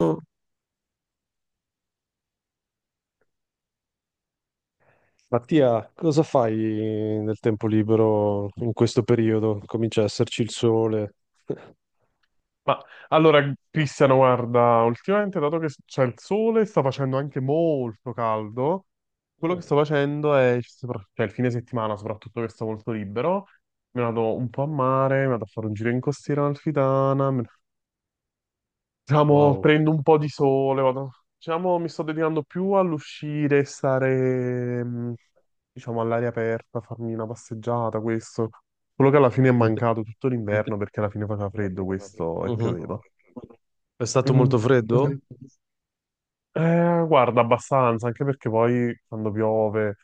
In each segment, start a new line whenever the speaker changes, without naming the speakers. Mm. Mattia, cosa fai nel tempo libero in questo periodo? Comincia a esserci il sole.
Ma allora, Cristiano, guarda, ultimamente dato che c'è il sole, sta facendo anche molto caldo, quello che
Mm.
sto facendo è, cioè il fine settimana soprattutto che sto molto libero, mi vado un po' a mare, mi vado a fare un giro in costiera amalfitana, diciamo,
Wow.
prendo un po' di sole, vado, diciamo, mi sto dedicando più all'uscire, stare, diciamo, all'aria aperta, farmi una passeggiata, questo. Quello che alla fine è
Dite
mancato tutto l'inverno perché alla fine faceva
che alla fine
freddo questo e
Mhm.
pioveva.
È stato molto
Mm,
freddo?
guarda, abbastanza, anche perché poi quando piove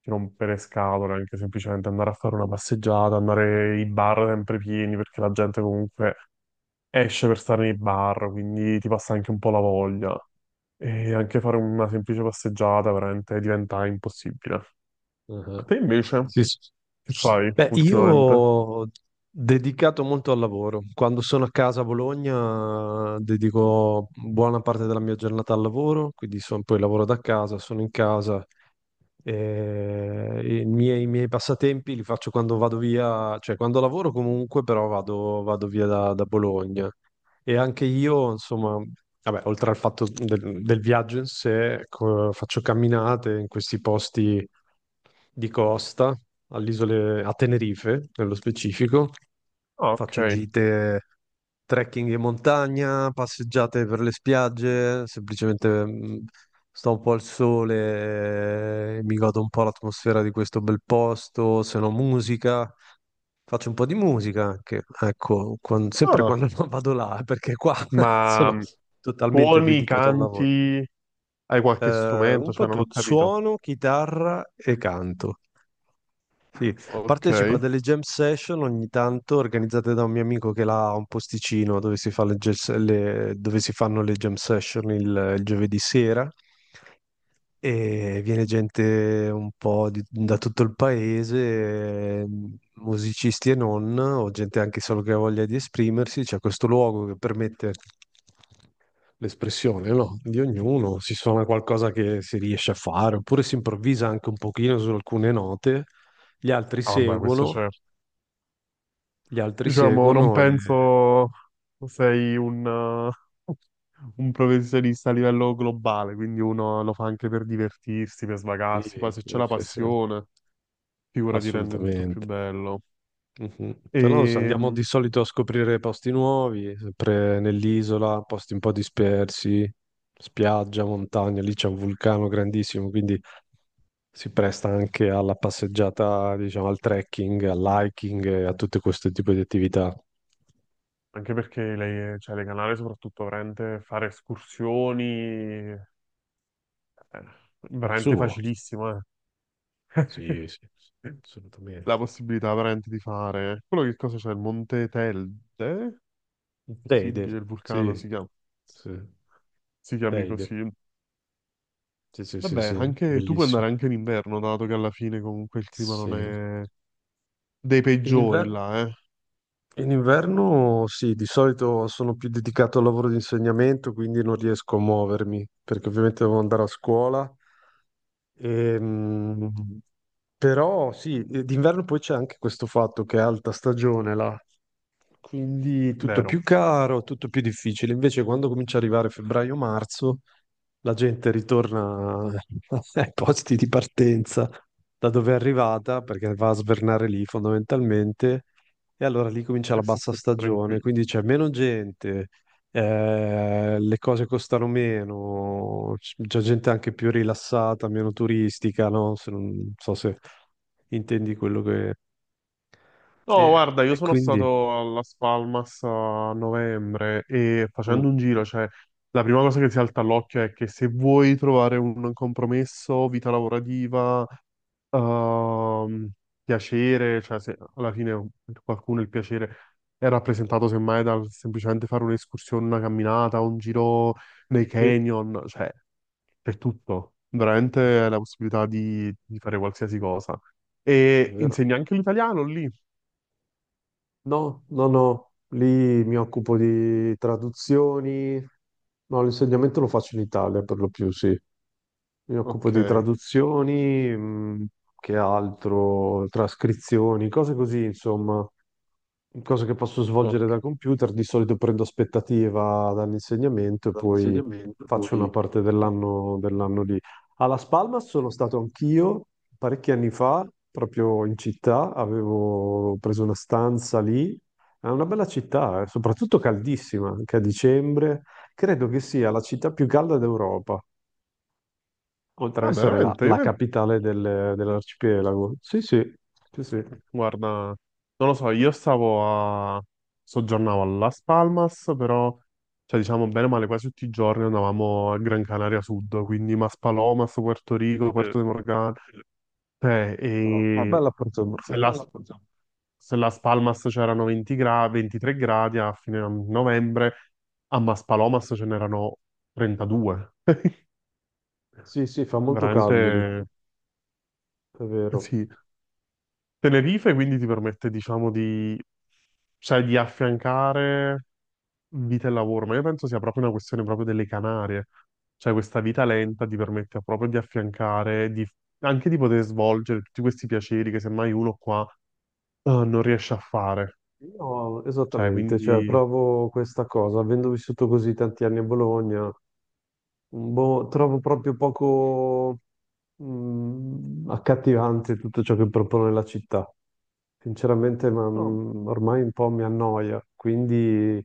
ti rompere le scatole, anche semplicemente andare a fare una passeggiata, andare i bar sempre pieni, perché la gente comunque esce per stare nei bar, quindi ti passa anche un po' la voglia. E anche fare una semplice passeggiata veramente diventa impossibile. Ma
Ah,
te invece,
sì, sì.
che fai
Beh, io
ultimamente?
ho dedicato molto al lavoro. Quando sono a casa a Bologna, dedico buona parte della mia giornata al lavoro, quindi poi lavoro da casa, sono in casa. I miei passatempi li faccio quando vado via, cioè quando lavoro comunque, però vado via da Bologna. E anche io, insomma, vabbè, oltre al fatto del viaggio in sé, ecco, faccio camminate in questi posti di costa, all'isole, a Tenerife nello specifico.
Ah,
Faccio
ok.
gite trekking in montagna, passeggiate per le spiagge, semplicemente sto un po' al sole, mi godo un po' l'atmosfera di questo bel posto, se no musica. Faccio un po' di musica anche, ecco, sempre
Ah,
quando non vado là, perché qua
ma
sono totalmente
suoni,
dedicato al lavoro.
canti, hai qualche
Un
strumento?
po'
Cioè, non ho
tutto,
capito.
suono, chitarra e canto. Sì,
Ok.
partecipo a delle jam session ogni tanto organizzate da un mio amico che là ha un posticino dove si fa dove si fanno le jam session il giovedì sera e viene gente un po' da tutto il paese, musicisti e non, o gente anche solo che ha voglia di esprimersi. C'è questo luogo che permette l'espressione, no? Di ognuno, si suona qualcosa che si riesce a fare, oppure si improvvisa anche un pochino su alcune note, gli altri
Ah, vabbè, questo
seguono
c'è.
gli altri
Diciamo, non
seguono e...
penso sei un, eh, un professionista a livello globale, quindi uno lo fa anche per divertirsi, per
Sì,
svagarsi. Poi se c'è
sì,
la
sì, sì,
passione, figura ti rende tutto più
assolutamente.
bello.
Mhm. Se no, se
E
andiamo di solito a scoprire posti nuovi, sempre nell'isola, posti un po' dispersi, spiaggia, montagna, lì c'è un vulcano grandissimo, quindi si presta anche alla passeggiata, diciamo, al trekking, all'hiking e a tutto questo tipo di attività.
anche perché cioè, le canali, soprattutto, veramente fare escursioni, eh,
Al
veramente
suo?
facilissimo, eh.
Sì, sì, assolutamente.
La possibilità veramente di fare. Quello che cosa c'è? Il Monte Telde? Possibile,
Teide,
il vulcano si
sì,
chiama.
sì,
Si chiami
Teide,
così.
sì, sì, sì,
Vabbè,
sì,
anche tu puoi andare
bellissimo.
anche in inverno, dato che alla fine comunque il clima non
Sì.
è dei
In
peggiori
inver-
là, eh?
in inverno sì, di solito sono più dedicato al lavoro di insegnamento, quindi non riesco a muovermi, perché ovviamente devo andare a scuola. Ehm, però sì, d'inverno poi c'è anche questo fatto che è alta stagione là. Quindi tutto è
Vero.
più caro, tutto più difficile. Invece, quando comincia a arrivare febbraio-marzo, la gente ritorna ai posti di partenza da dove è arrivata, perché va a svernare lì fondamentalmente, e allora lì comincia la
E si
bassa
sta più
stagione,
tranquilli.
quindi c'è meno gente, le cose costano meno, c'è gente anche più rilassata, meno turistica, no? Se non non so se intendi quello che... E,
No, guarda, io
e
sono
quindi...
stato alla Spalmas a novembre e
Mm.
facendo un giro, cioè, la prima cosa che ti salta all'occhio è che se vuoi trovare un compromesso, vita lavorativa, ehm, piacere, cioè se alla fine per qualcuno il piacere è rappresentato semmai dal semplicemente fare un'escursione, una camminata, un giro nei
Sì.
canyon, cioè c'è tutto, veramente la possibilità di fare qualsiasi cosa. E
Vero.
insegni anche l'italiano lì?
No, no, no, lì mi occupo di traduzioni, no, l'insegnamento lo faccio in Italia per lo più, sì. Mi occupo
Ok,
di traduzioni, che altro, trascrizioni, cose così, insomma. Cosa che posso
ok.
svolgere da computer, di solito prendo aspettativa dall'insegnamento e poi
Dall'insegnamento,
faccio una
poi.
parte dell'anno lì. A Las Palmas sono stato anch'io parecchi anni fa, proprio in città, avevo preso una stanza lì. È una bella città, soprattutto caldissima, anche a dicembre. Credo che sia la città più calda d'Europa, oltre ad
Ah,
essere la,
veramente? Io.
la capitale dell'arcipelago. Sì, sì, sì, sì.
Guarda, non lo so, io stavo a... soggiornavo a Las Palmas, però, cioè diciamo bene o male, quasi tutti i giorni andavamo a Gran Canaria Sud, quindi Maspalomas, Puerto Rico,
Eh,
Puerto de Morgan, cioè,
no, no. Una
e
bella Porto.
se Las, se Las Palmas c'erano 20 23 gradi a fine novembre, a Maspalomas ce n'erano 32.
Sì, sì, fa molto
Veramente,
caldo lì, è vero.
sì. Tenerife quindi ti permette, diciamo, cioè, di affiancare vita e lavoro, ma io penso sia proprio una questione proprio delle Canarie, cioè questa vita lenta ti permette proprio di affiancare, di- anche di poter svolgere tutti questi piaceri che semmai uno qua non riesce a fare,
Io
cioè
esattamente, cioè,
quindi...
provo questa cosa, avendo vissuto così tanti anni a Bologna, boh, trovo proprio poco accattivante tutto ciò che propone la città. Sinceramente, ma,
No,
ormai un po' mi annoia, quindi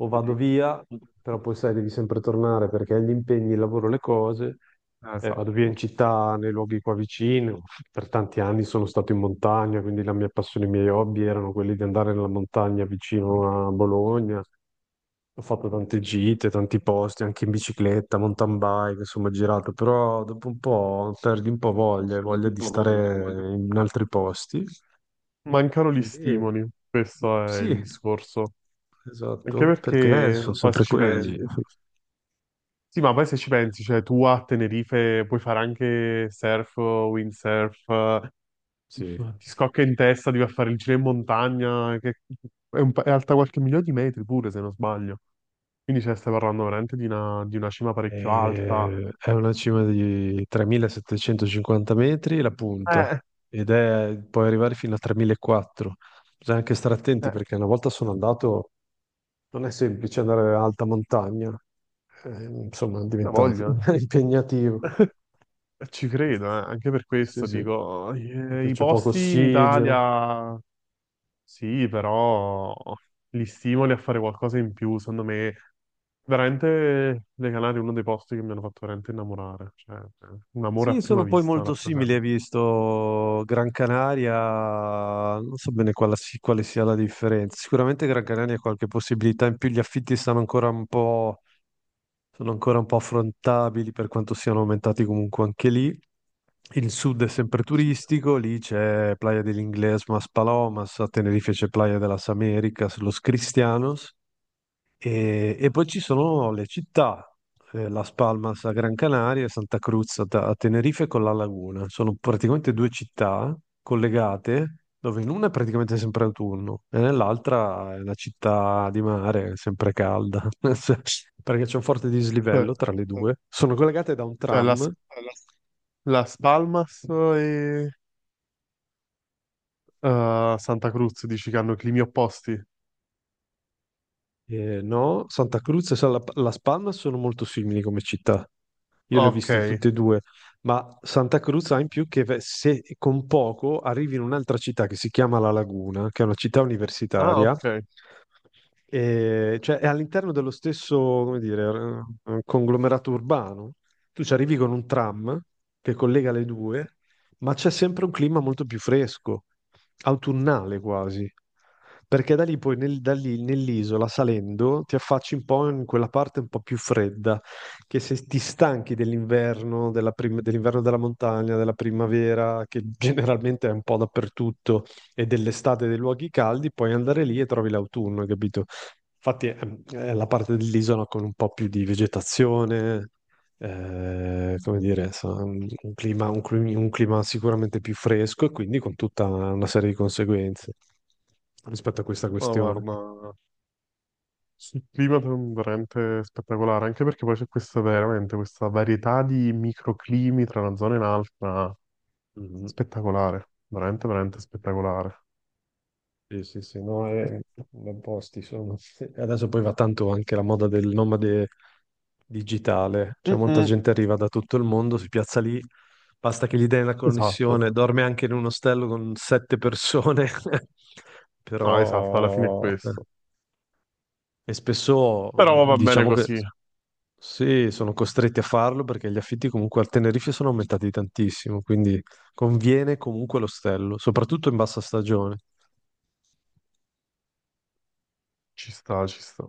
o vado
eh,
via, però poi sai, devi sempre tornare perché hai gli impegni, il lavoro, le cose. Vado via in
esatto,
città, nei luoghi qua vicino. Per tanti anni sono stato in montagna, quindi la mia passione, i miei hobby erano quelli di andare nella montagna vicino a Bologna, ho fatto tante gite, tanti posti, anche in bicicletta, mountain bike, insomma, ho girato, però dopo un po' perdi un po' voglia, voglia di stare in altri posti.
mancano gli
E-
stimoli, questo è
sì,
il discorso. Anche
esatto, perché
perché
sono
poi se
sempre
ci
quelli.
pensi, sì, ma poi se ci pensi, cioè tu a Tenerife puoi fare anche surf, windsurf,
Sì.
ti scocca in testa, devi fare il giro in montagna, che è, un è alta qualche migliaio di metri pure, se non sbaglio. Quindi cioè, stai parlando veramente di una cima parecchio alta.
È una cima di 3750 metri la punta
Eh,
ed è, puoi arrivare fino a 3400. Bisogna anche stare attenti
eh,
perché una volta sono andato. Non è semplice andare in alta montagna, insomma,
la
diventa
voglio.
impegnativo.
Ci credo, anche per
Sì,
questo
sì,
dico,
proprio
i
c'è poco
posti in
ossigeno.
Italia sì, però li stimoli a fare qualcosa in più. Secondo me, veramente le Canarie è uno dei posti che mi hanno fatto veramente innamorare. Cioè, un amore a
Sì,
prima
sono poi
vista
molto simili,
rappresenta.
hai visto Gran Canaria, non so bene quale, quale sia la differenza. Sicuramente Gran Canaria ha qualche possibilità in più, gli affitti stanno ancora un po', sono ancora un po' affrontabili per quanto siano aumentati comunque anche lì. Il sud è sempre
Sì.
turistico, lì c'è Playa del Inglés, Mas Palomas, a Tenerife c'è Playa de las Américas, Los Cristianos, e poi ci sono le città, Las Palmas a Gran Canaria e Santa Cruz a Tenerife con La Laguna. Sono praticamente due città collegate, dove in una è praticamente sempre autunno e nell'altra è una città di mare, sempre calda. Cioè, perché c'è un forte
Cioè,
dislivello tra le due. Sono collegate da un
cioè, la
tram.
Las Palmas e Santa Cruz dici che hanno climi opposti?
Eh, no, Santa Cruz e Las Palmas sono molto simili come città, io le ho
Ok.
viste tutte e due, ma Santa Cruz ha in più che se con poco arrivi in un'altra città che si chiama La Laguna, che è una città
Ah,
universitaria,
ok.
e, cioè, è all'interno dello stesso, come dire, conglomerato urbano. Tu ci arrivi con un tram che collega le due, ma c'è sempre un clima molto più fresco, autunnale quasi. Perché da lì da lì, nell'isola, salendo, ti affacci un po' in quella parte un po' più fredda, che se ti stanchi dell'inverno, dell'inverno della montagna, della primavera, che generalmente è un po' dappertutto, e dell'estate dei luoghi caldi, puoi andare lì e trovi l'autunno, hai capito? Infatti è la parte dell'isola con un po' più di vegetazione, come dire, un clima, un clima sicuramente più fresco e quindi con tutta una serie di conseguenze rispetto a questa
No,
questione.
guarda, sul clima è veramente spettacolare, anche perché poi c'è questa veramente questa varietà di microclimi tra una zona e un'altra,
Mhm.
spettacolare, veramente veramente spettacolare.
Sì, sì, sì, no, è... ben posti sono. E adesso poi va tanto anche la moda del nomade digitale, cioè molta
Mm-mm.
gente arriva da tutto il mondo, si piazza lì, basta che gli dai la
Esatto.
connessione, dorme anche in un ostello con 7 persone.
No, esatto, alla fine è
Però...
questo.
e spesso
Però va bene
diciamo che
così,
sì, sono costretti a farlo perché gli affitti comunque a Tenerife sono aumentati tantissimo, quindi conviene comunque l'ostello, soprattutto in bassa stagione.
ci sta, ci sta.